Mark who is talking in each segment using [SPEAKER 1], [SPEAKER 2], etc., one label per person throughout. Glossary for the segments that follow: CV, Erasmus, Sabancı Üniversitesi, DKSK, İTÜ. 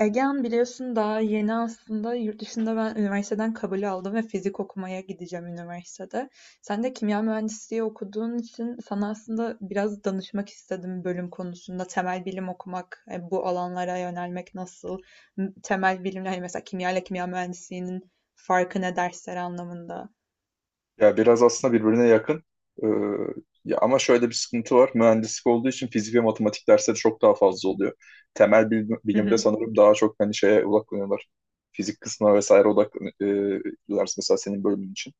[SPEAKER 1] Egehan biliyorsun daha yeni aslında yurt dışında ben üniversiteden kabul aldım ve fizik okumaya gideceğim üniversitede. Sen de kimya mühendisliği okuduğun için sana aslında biraz danışmak istedim bölüm konusunda. Temel bilim okumak, bu alanlara yönelmek nasıl? Temel bilimler hani mesela kimya ile kimya mühendisliğinin farkı ne dersler anlamında?
[SPEAKER 2] Ya biraz aslında birbirine yakın. Ee, Ya ama şöyle bir sıkıntı var. Mühendislik olduğu için fizik ve matematik dersleri çok daha fazla oluyor.
[SPEAKER 1] Hı
[SPEAKER 2] Bilimde
[SPEAKER 1] hı,
[SPEAKER 2] sanırım daha çok hani şeye odaklanıyorlar. Fizik kısmına vesaire odaklanıyorlar mesela senin bölümün için.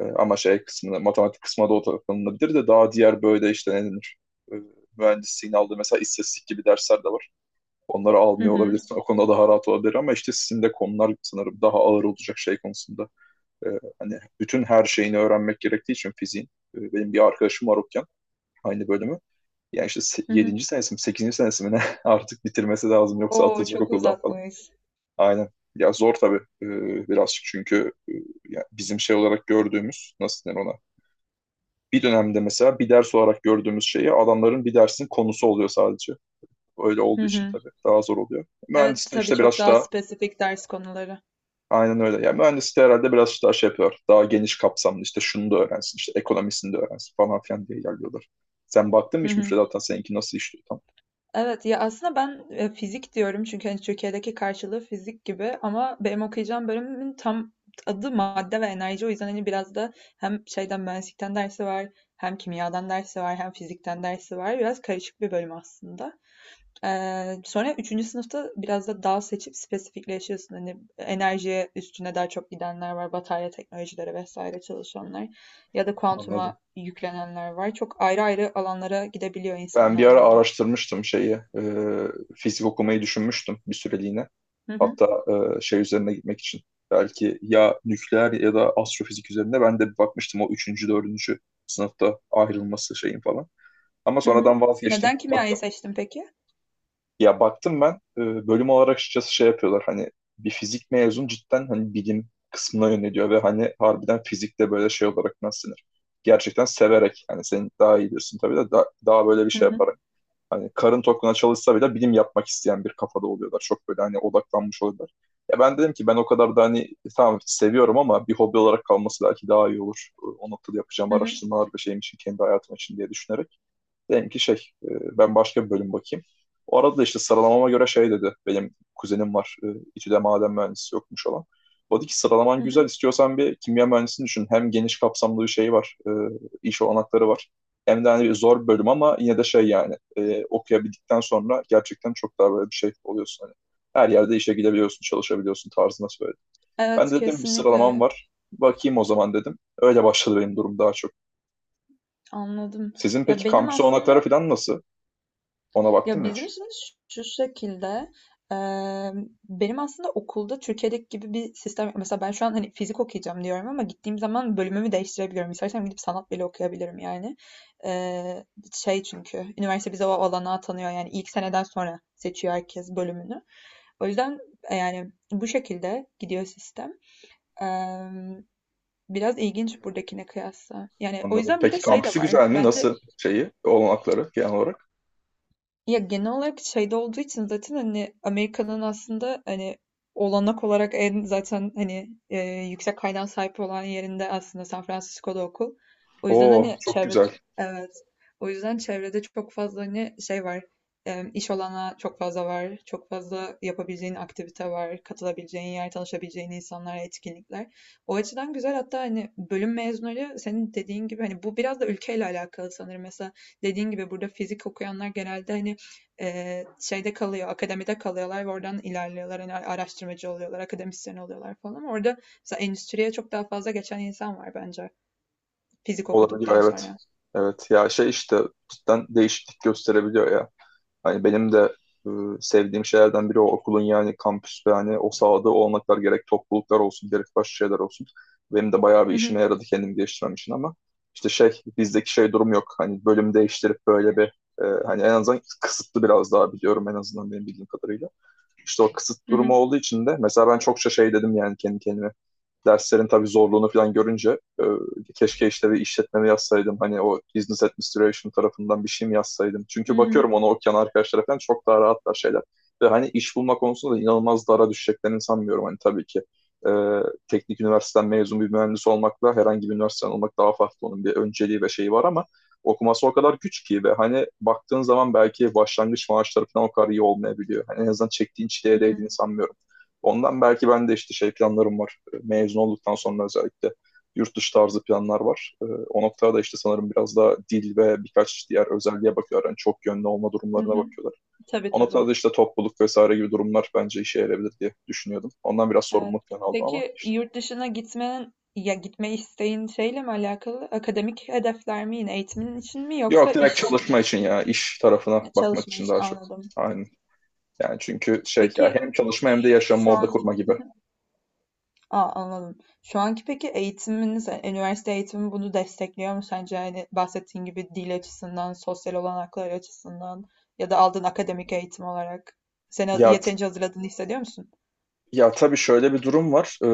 [SPEAKER 2] Ama şey kısmına, matematik kısmına da odaklanılabilir de daha diğer böyle işte ne denir? Ee, Mühendisliğin aldığı mesela istatistik gibi dersler de var. Onları
[SPEAKER 1] hı
[SPEAKER 2] almıyor
[SPEAKER 1] hı,
[SPEAKER 2] olabilirsin. O konuda daha rahat olabilir ama işte sizin de konular sanırım daha ağır olacak şey konusunda. E, Hani bütün her şeyini öğrenmek gerektiği için fiziğin. Benim bir arkadaşım var okuyan aynı bölümü. Yani işte
[SPEAKER 1] hı hı.
[SPEAKER 2] yedinci senesi mi 8. senesi mi ne artık bitirmesi lazım yoksa
[SPEAKER 1] Oo,
[SPEAKER 2] atılacak
[SPEAKER 1] çok
[SPEAKER 2] okuldan falan.
[SPEAKER 1] uzatmış.
[SPEAKER 2] Aynen. Ya zor tabii birazcık çünkü ya bizim şey olarak gördüğümüz nasıl denir ona? Bir dönemde mesela bir ders olarak gördüğümüz şeyi adamların bir dersin konusu oluyor sadece. Öyle olduğu
[SPEAKER 1] Hı
[SPEAKER 2] için
[SPEAKER 1] hı.
[SPEAKER 2] tabii daha zor oluyor.
[SPEAKER 1] Evet,
[SPEAKER 2] Mühendisliğin
[SPEAKER 1] tabii
[SPEAKER 2] işte biraz
[SPEAKER 1] çok daha
[SPEAKER 2] daha.
[SPEAKER 1] spesifik ders konuları.
[SPEAKER 2] Aynen öyle. Yani mühendislik herhalde biraz daha şey yapıyor. Daha geniş kapsamlı işte şunu da öğrensin, işte ekonomisini de öğrensin falan filan diye ilerliyorlar. Sen baktın mı hiç müfredata seninki nasıl işliyor tam?
[SPEAKER 1] Evet, ya, aslında ben, fizik diyorum çünkü, hani, Türkiye'deki karşılığı fizik gibi ama benim okuyacağım bölümün tam adı madde ve enerji. O yüzden, hani, biraz da hem şeyden, mühendislikten dersi var, hem kimyadan dersi var, hem fizikten dersi var. Biraz karışık bir bölüm aslında. Sonra üçüncü sınıfta biraz da dal seçip spesifikleşiyorsun. Hani, enerji üstüne daha çok gidenler var, batarya teknolojileri vesaire çalışanlar ya da
[SPEAKER 2] Anladım.
[SPEAKER 1] kuantuma yüklenenler var. Çok ayrı ayrı alanlara gidebiliyor
[SPEAKER 2] Ben bir
[SPEAKER 1] insanlar
[SPEAKER 2] ara
[SPEAKER 1] yani.
[SPEAKER 2] araştırmıştım şeyi, fizik okumayı düşünmüştüm bir süreliğine. Hatta şey üzerine gitmek için. Belki ya nükleer ya da astrofizik üzerine ben de bir bakmıştım o üçüncü, dördüncü sınıfta ayrılması şeyin falan. Ama
[SPEAKER 1] Hı hı.
[SPEAKER 2] sonradan vazgeçtim.
[SPEAKER 1] Neden
[SPEAKER 2] Bak.
[SPEAKER 1] kimyayı seçtin peki?
[SPEAKER 2] Ya baktım ben bölüm olarak açıkçası şey yapıyorlar hani bir fizik mezun cidden hani bilim kısmına yöneliyor ve hani harbiden fizikte böyle şey olarak nasıl denir? Gerçekten severek hani sen daha iyi diyorsun tabii de daha böyle bir
[SPEAKER 1] Hı
[SPEAKER 2] şey
[SPEAKER 1] hı.
[SPEAKER 2] yaparak hani karın tokluğuna çalışsa bile bilim yapmak isteyen bir kafada oluyorlar. Çok böyle hani odaklanmış oluyorlar. Ya ben dedim ki ben o kadar da hani tamam seviyorum ama bir hobi olarak kalması belki daha iyi olur. O noktada yapacağım
[SPEAKER 1] Hı hı.
[SPEAKER 2] araştırmalar ve şeyim için kendi hayatım için diye düşünerek. Dedim ki şey e, ben başka bir bölüm bakayım. O arada da işte sıralamama göre şey dedi. Benim kuzenim var. İTÜ'de maden mühendisi yokmuş olan. O dedi ki sıralaman
[SPEAKER 1] Hı hı.
[SPEAKER 2] güzel. İstiyorsan bir kimya mühendisini düşün. Hem geniş kapsamlı bir şey var. İş olanakları var. Hem de hani zor bir bölüm ama yine de şey yani okuyabildikten sonra gerçekten çok daha böyle bir şey oluyorsun. Hani her yerde işe gidebiliyorsun, çalışabiliyorsun tarzında söyledi. Ben
[SPEAKER 1] Evet,
[SPEAKER 2] de dedim bir
[SPEAKER 1] kesinlikle
[SPEAKER 2] sıralamam
[SPEAKER 1] öyle.
[SPEAKER 2] var. Bakayım o zaman dedim. Öyle başladı benim durum daha çok.
[SPEAKER 1] Anladım.
[SPEAKER 2] Sizin
[SPEAKER 1] Ya
[SPEAKER 2] peki
[SPEAKER 1] benim
[SPEAKER 2] kampüs olanakları
[SPEAKER 1] aslında
[SPEAKER 2] falan nasıl? Ona baktın
[SPEAKER 1] ya
[SPEAKER 2] mı
[SPEAKER 1] bizim
[SPEAKER 2] hiç?
[SPEAKER 1] şimdi şu şekilde eee, benim aslında okulda Türkiye'deki gibi bir sistem yok. Mesela ben şu an hani fizik okuyacağım diyorum ama gittiğim zaman bölümümü değiştirebiliyorum. İstersem gidip sanat bile okuyabilirim yani. Eee, Şey çünkü üniversite bize o olanağı tanıyor. Yani ilk seneden sonra seçiyor herkes bölümünü. O yüzden yani bu şekilde gidiyor sistem. Eee Biraz ilginç buradakine kıyasla. Yani o
[SPEAKER 2] Anladım.
[SPEAKER 1] yüzden bir
[SPEAKER 2] Peki
[SPEAKER 1] de şey de
[SPEAKER 2] kampüsü
[SPEAKER 1] var.
[SPEAKER 2] güzel mi?
[SPEAKER 1] Bence
[SPEAKER 2] Nasıl şeyi, olanakları genel olarak?
[SPEAKER 1] ya genel olarak şeyde olduğu için zaten hani Amerika'nın aslında hani olanak olarak en zaten hani yüksek kaynağa sahip olan yerinde aslında San Francisco'da okul. O yüzden
[SPEAKER 2] Oo,
[SPEAKER 1] hani
[SPEAKER 2] çok
[SPEAKER 1] çevrede
[SPEAKER 2] güzel
[SPEAKER 1] evet. O yüzden çevrede çok fazla hani şey var. E, iş olanağı çok fazla var. Çok fazla yapabileceğin aktivite var. Katılabileceğin yer, tanışabileceğin insanlar, etkinlikler. O açıdan güzel, hatta hani bölüm mezunları senin dediğin gibi hani bu biraz da ülkeyle alakalı sanırım. Mesela dediğin gibi burada fizik okuyanlar genelde hani şeyde kalıyor, akademide kalıyorlar ve oradan ilerliyorlar. Yani araştırmacı oluyorlar, akademisyen oluyorlar falan. Orada mesela endüstriye çok daha fazla geçen insan var bence fizik
[SPEAKER 2] olabiliyor,
[SPEAKER 1] okuduktan
[SPEAKER 2] evet.
[SPEAKER 1] sonra.
[SPEAKER 2] Evet ya şey işte cidden değişiklik gösterebiliyor ya. Hani benim de e, sevdiğim şeylerden biri o okulun yani kampüs ve hani o sahada olanaklar gerek topluluklar olsun gerek başka şeyler olsun. Benim de bayağı bir
[SPEAKER 1] Hı
[SPEAKER 2] işime
[SPEAKER 1] hı,
[SPEAKER 2] yaradı kendimi geliştirmem için ama işte şey bizdeki şey durum yok. Hani bölüm değiştirip böyle bir hani en azından kısıtlı biraz daha biliyorum en azından benim bildiğim kadarıyla. İşte o kısıt
[SPEAKER 1] hı hı,
[SPEAKER 2] durumu olduğu için de mesela ben çokça şey dedim yani kendi kendime derslerin tabii zorluğunu falan görünce keşke işte bir işletmemi yazsaydım. Hani o business administration tarafından bir şey mi yazsaydım?
[SPEAKER 1] hı
[SPEAKER 2] Çünkü
[SPEAKER 1] hı,
[SPEAKER 2] bakıyorum ona okuyan arkadaşlara falan çok daha rahatlar şeyler. Ve hani iş bulma konusunda da inanılmaz dara düşeceklerini sanmıyorum. Hani tabii ki e, teknik üniversiteden mezun bir mühendis olmakla herhangi bir üniversiteden olmak daha farklı. Onun bir önceliği ve şeyi var ama okuması o kadar güç ki ve hani baktığın zaman belki başlangıç maaşları falan o kadar iyi olmayabiliyor. Hani en azından çektiğin
[SPEAKER 1] hı
[SPEAKER 2] çileye
[SPEAKER 1] hı,
[SPEAKER 2] değdiğini sanmıyorum. Ondan belki ben de işte şey planlarım var mezun olduktan sonra özellikle yurt dışı tarzı planlar var. O noktada da işte sanırım biraz daha dil ve birkaç diğer özelliğe bakıyorlar. Yani çok yönlü olma
[SPEAKER 1] hı
[SPEAKER 2] durumlarına
[SPEAKER 1] hı.
[SPEAKER 2] bakıyorlar.
[SPEAKER 1] Tabii
[SPEAKER 2] O noktada da
[SPEAKER 1] tabii.
[SPEAKER 2] işte topluluk vesaire gibi durumlar bence işe yarayabilir diye düşünüyordum. Ondan biraz
[SPEAKER 1] Evet.
[SPEAKER 2] sorumluluk falan aldım ama.
[SPEAKER 1] Peki yurt dışına gitmenin ya gitme isteğin şeyle mi alakalı? Akademik hedefler mi yine eğitimin için mi
[SPEAKER 2] Yok,
[SPEAKER 1] yoksa
[SPEAKER 2] direkt
[SPEAKER 1] iş için mi?
[SPEAKER 2] çalışma için ya iş tarafına
[SPEAKER 1] Ya,
[SPEAKER 2] bakmak
[SPEAKER 1] çalışma
[SPEAKER 2] için
[SPEAKER 1] için
[SPEAKER 2] daha çok.
[SPEAKER 1] anladım.
[SPEAKER 2] Aynen. Yani çünkü şey ya
[SPEAKER 1] Peki
[SPEAKER 2] hem çalışma hem de yaşamı
[SPEAKER 1] şu
[SPEAKER 2] orada
[SPEAKER 1] an
[SPEAKER 2] kurma gibi.
[SPEAKER 1] anladım. Şu anki peki eğitiminiz, üniversite eğitimi bunu destekliyor mu sence? Yani bahsettiğin gibi dil açısından, sosyal olanaklar açısından ya da aldığın akademik eğitim olarak seni
[SPEAKER 2] Ya
[SPEAKER 1] yeterince hazırladığını hissediyor musun?
[SPEAKER 2] Ya tabii şöyle bir durum var.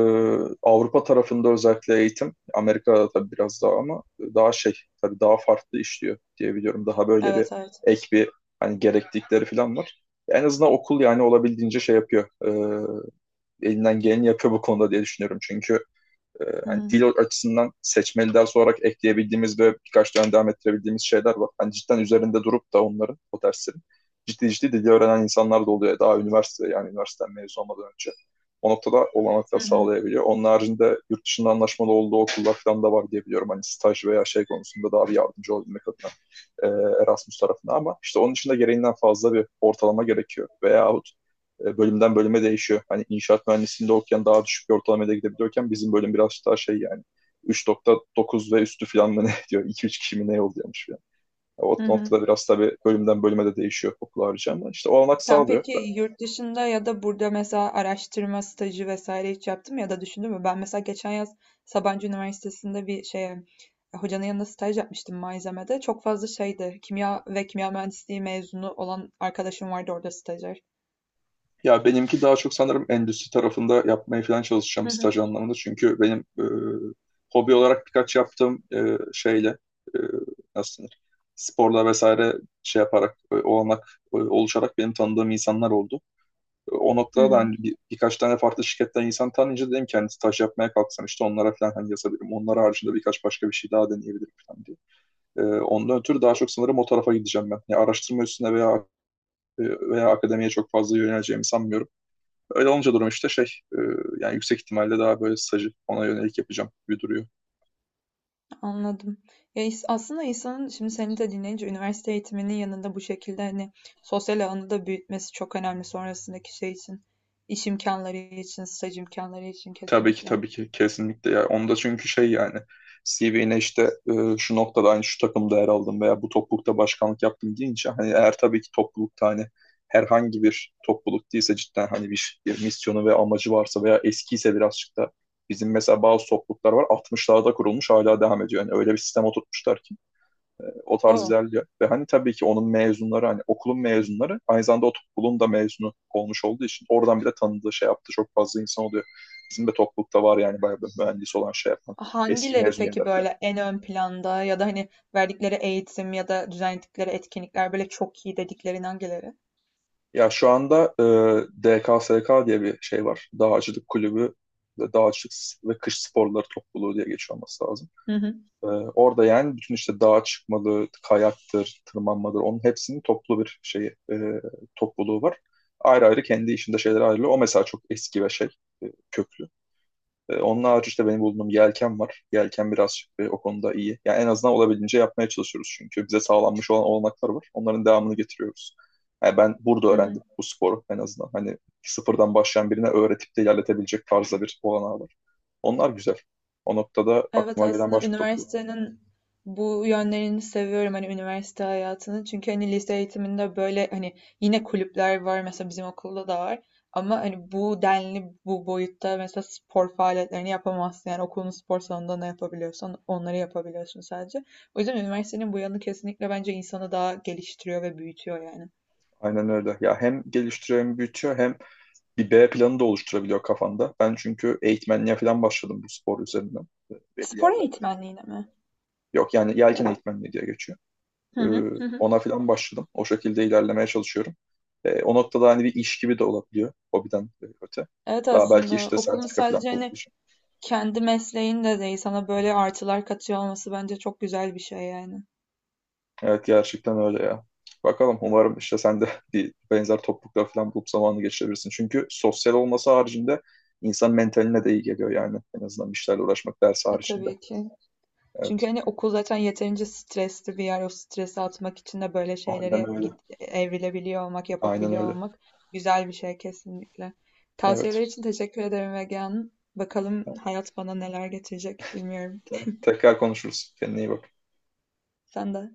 [SPEAKER 2] Avrupa tarafında özellikle eğitim, Amerika'da tabii biraz daha ama daha şey, tabii daha farklı işliyor diye biliyorum. Daha böyle bir
[SPEAKER 1] Evet, evet.
[SPEAKER 2] ek bir hani gereklilikleri falan var. En azından okul yani olabildiğince şey yapıyor. Elinden geleni yapıyor bu konuda diye düşünüyorum. Çünkü
[SPEAKER 1] Hı
[SPEAKER 2] hani
[SPEAKER 1] hı.
[SPEAKER 2] dil açısından seçmeli ders olarak ekleyebildiğimiz ve birkaç dönem devam ettirebildiğimiz şeyler var. Hani cidden üzerinde durup da onların o derslerin ciddi ciddi dili öğrenen insanlar da oluyor. Daha üniversite yani üniversiteden mezun olmadan önce. O noktada
[SPEAKER 1] Hı
[SPEAKER 2] olanaklar
[SPEAKER 1] hı.
[SPEAKER 2] sağlayabiliyor. Onun haricinde yurt dışında anlaşmalı olduğu okullar falan da var diye biliyorum. Hani staj veya şey konusunda daha bir yardımcı olabilmek adına e, Erasmus tarafına, ama işte onun için de gereğinden fazla bir ortalama gerekiyor. Veyahut bölümden bölüme değişiyor. Hani inşaat mühendisliğinde okuyan daha düşük bir ortalamaya gidebiliyorken bizim bölüm biraz daha şey yani 3.9 ve üstü falan mı ne diyor. 2-3 kişi mi ne yolluyormuş falan. O
[SPEAKER 1] Hı hı.
[SPEAKER 2] noktada biraz tabii bölümden bölüme de değişiyor okul harici ama işte o olanak
[SPEAKER 1] Sen
[SPEAKER 2] sağlıyor.
[SPEAKER 1] peki yurt dışında ya da burada mesela araştırma stajı vesaire hiç yaptın mı ya da düşündün mü? Ben mesela geçen yaz Sabancı Üniversitesi'nde bir şeye hocanın yanında staj yapmıştım malzemede. Çok fazla şeydi. Kimya ve kimya mühendisliği mezunu olan arkadaşım vardı orada stajyer.
[SPEAKER 2] Ya benimki daha çok sanırım endüstri tarafında yapmaya falan
[SPEAKER 1] Hı
[SPEAKER 2] çalışacağım
[SPEAKER 1] hı.
[SPEAKER 2] staj anlamında. Çünkü benim hobi olarak birkaç yaptığım şeyle e, nasıl denir? Sporla vesaire şey yaparak olanak oluşarak benim tanıdığım insanlar oldu. O
[SPEAKER 1] Hı
[SPEAKER 2] noktada da
[SPEAKER 1] hı.
[SPEAKER 2] hani birkaç tane farklı şirketten insan tanıyınca dedim kendisi taş yapmaya kalksam işte onlara falan hani yazabilirim. Onlar haricinde birkaç başka bir şey daha deneyebilirim falan diye. Ondan ötürü daha çok sanırım o tarafa gideceğim ben. Yani araştırma üstüne veya veya akademiye çok fazla yöneleceğimi sanmıyorum. Öyle olunca durum işte şey e, yani yüksek ihtimalle daha böyle stajı ona yönelik yapacağım gibi duruyor.
[SPEAKER 1] Anladım. Ya aslında insanın şimdi seni de dinleyince üniversite eğitiminin yanında bu şekilde hani sosyal alanı da büyütmesi çok önemli sonrasındaki şey için. İş imkanları için, staj imkanları için
[SPEAKER 2] Tabii ki,
[SPEAKER 1] kesinlikle.
[SPEAKER 2] tabii ki kesinlikle ya onda çünkü şey yani CV'ne işte şu noktada aynı şu takımda yer aldım veya bu toplulukta başkanlık yaptım deyince hani eğer tabii ki toplulukta hani herhangi bir topluluk değilse cidden hani bir misyonu ve amacı varsa veya eskiyse birazcık da bizim mesela bazı topluluklar var 60'larda kurulmuş hala devam ediyor. Yani öyle bir sistem oturtmuşlar ki o tarz
[SPEAKER 1] Oo.
[SPEAKER 2] ilerliyor. Ve hani tabii ki onun mezunları hani okulun mezunları aynı zamanda o okulun da mezunu olmuş olduğu için oradan bir de tanıdığı şey yaptı çok fazla insan oluyor. Bizim de toplulukta var yani bayağı bir mühendis olan şey yapan eski
[SPEAKER 1] Hangileri
[SPEAKER 2] mezun
[SPEAKER 1] peki
[SPEAKER 2] yerler falan.
[SPEAKER 1] böyle en ön planda ya da hani verdikleri eğitim ya da düzenledikleri etkinlikler böyle çok iyi dediklerin hangileri?
[SPEAKER 2] Ya şu anda DKSK diye bir şey var. Dağcılık kulübü ve dağcılık ve kış sporları topluluğu diye geçiyor olması lazım.
[SPEAKER 1] Hı
[SPEAKER 2] Ee, Orada yani bütün işte dağa çıkmalı, kayaktır, tırmanmadır onun hepsinin toplu bir şey e, topluluğu var. Ayrı ayrı kendi işinde şeyler ayrılıyor. O mesela çok eski ve şey köklü. Onun harici işte benim bulduğum yelken var. Yelken biraz o konuda iyi. Yani en azından olabildiğince yapmaya çalışıyoruz çünkü bize sağlanmış olan olanaklar var. Onların devamını getiriyoruz. Yani ben burada
[SPEAKER 1] hı.
[SPEAKER 2] öğrendim bu sporu en azından. Hani sıfırdan başlayan birine öğretip de ilerletebilecek tarzda bir olanağı var. Onlar güzel. O noktada
[SPEAKER 1] Evet,
[SPEAKER 2] aklıma gelen
[SPEAKER 1] aslında
[SPEAKER 2] başka topluluk.
[SPEAKER 1] üniversitenin bu yönlerini seviyorum, hani üniversite hayatını. Çünkü hani lise eğitiminde böyle hani yine kulüpler var, mesela bizim okulda da var. Ama hani bu denli bu boyutta mesela spor faaliyetlerini yapamazsın. Yani okulun spor salonunda ne yapabiliyorsan onları yapabiliyorsun sadece. O yüzden üniversitenin bu yanı kesinlikle bence insanı daha geliştiriyor ve büyütüyor yani.
[SPEAKER 2] Aynen öyle. Ya hem geliştiriyor hem büyütüyor hem bir B planı da oluşturabiliyor kafanda. Ben çünkü eğitmenliğe falan başladım bu spor üzerinden belli
[SPEAKER 1] Spor
[SPEAKER 2] yerlerde.
[SPEAKER 1] eğitmenliğine mi?
[SPEAKER 2] Yok yani yelken eğitmenliği diye geçiyor.
[SPEAKER 1] Hı
[SPEAKER 2] Ee,
[SPEAKER 1] hı. Hı hı.
[SPEAKER 2] Ona falan başladım. O şekilde ilerlemeye çalışıyorum. O noktada hani bir iş gibi de olabiliyor hobiden öte.
[SPEAKER 1] Evet,
[SPEAKER 2] Daha belki
[SPEAKER 1] aslında
[SPEAKER 2] işte
[SPEAKER 1] okulun
[SPEAKER 2] sertifika falan
[SPEAKER 1] sadece hani
[SPEAKER 2] kovalayacağım.
[SPEAKER 1] kendi mesleğin de değil, sana böyle artılar katıyor olması bence çok güzel bir şey yani.
[SPEAKER 2] Evet gerçekten öyle ya. Bakalım umarım işte sen de bir benzer topluluklar falan bulup zamanını geçirebilirsin. Çünkü sosyal olması haricinde insan mentaline de iyi geliyor yani. En azından bir işlerle uğraşmak ders
[SPEAKER 1] E
[SPEAKER 2] haricinde.
[SPEAKER 1] tabii ki. Çünkü
[SPEAKER 2] Evet.
[SPEAKER 1] hani okul zaten yeterince stresli bir yer. O stresi atmak için de böyle
[SPEAKER 2] Aynen
[SPEAKER 1] şeylere
[SPEAKER 2] öyle.
[SPEAKER 1] evrilebiliyor olmak,
[SPEAKER 2] Aynen
[SPEAKER 1] yapabiliyor
[SPEAKER 2] öyle.
[SPEAKER 1] olmak güzel bir şey kesinlikle.
[SPEAKER 2] Evet.
[SPEAKER 1] Tavsiyeler için teşekkür ederim Ege Hanım. Bakalım hayat bana neler getirecek bilmiyorum.
[SPEAKER 2] Tamam. Tekrar konuşuruz. Kendine iyi bak.
[SPEAKER 1] Sen de.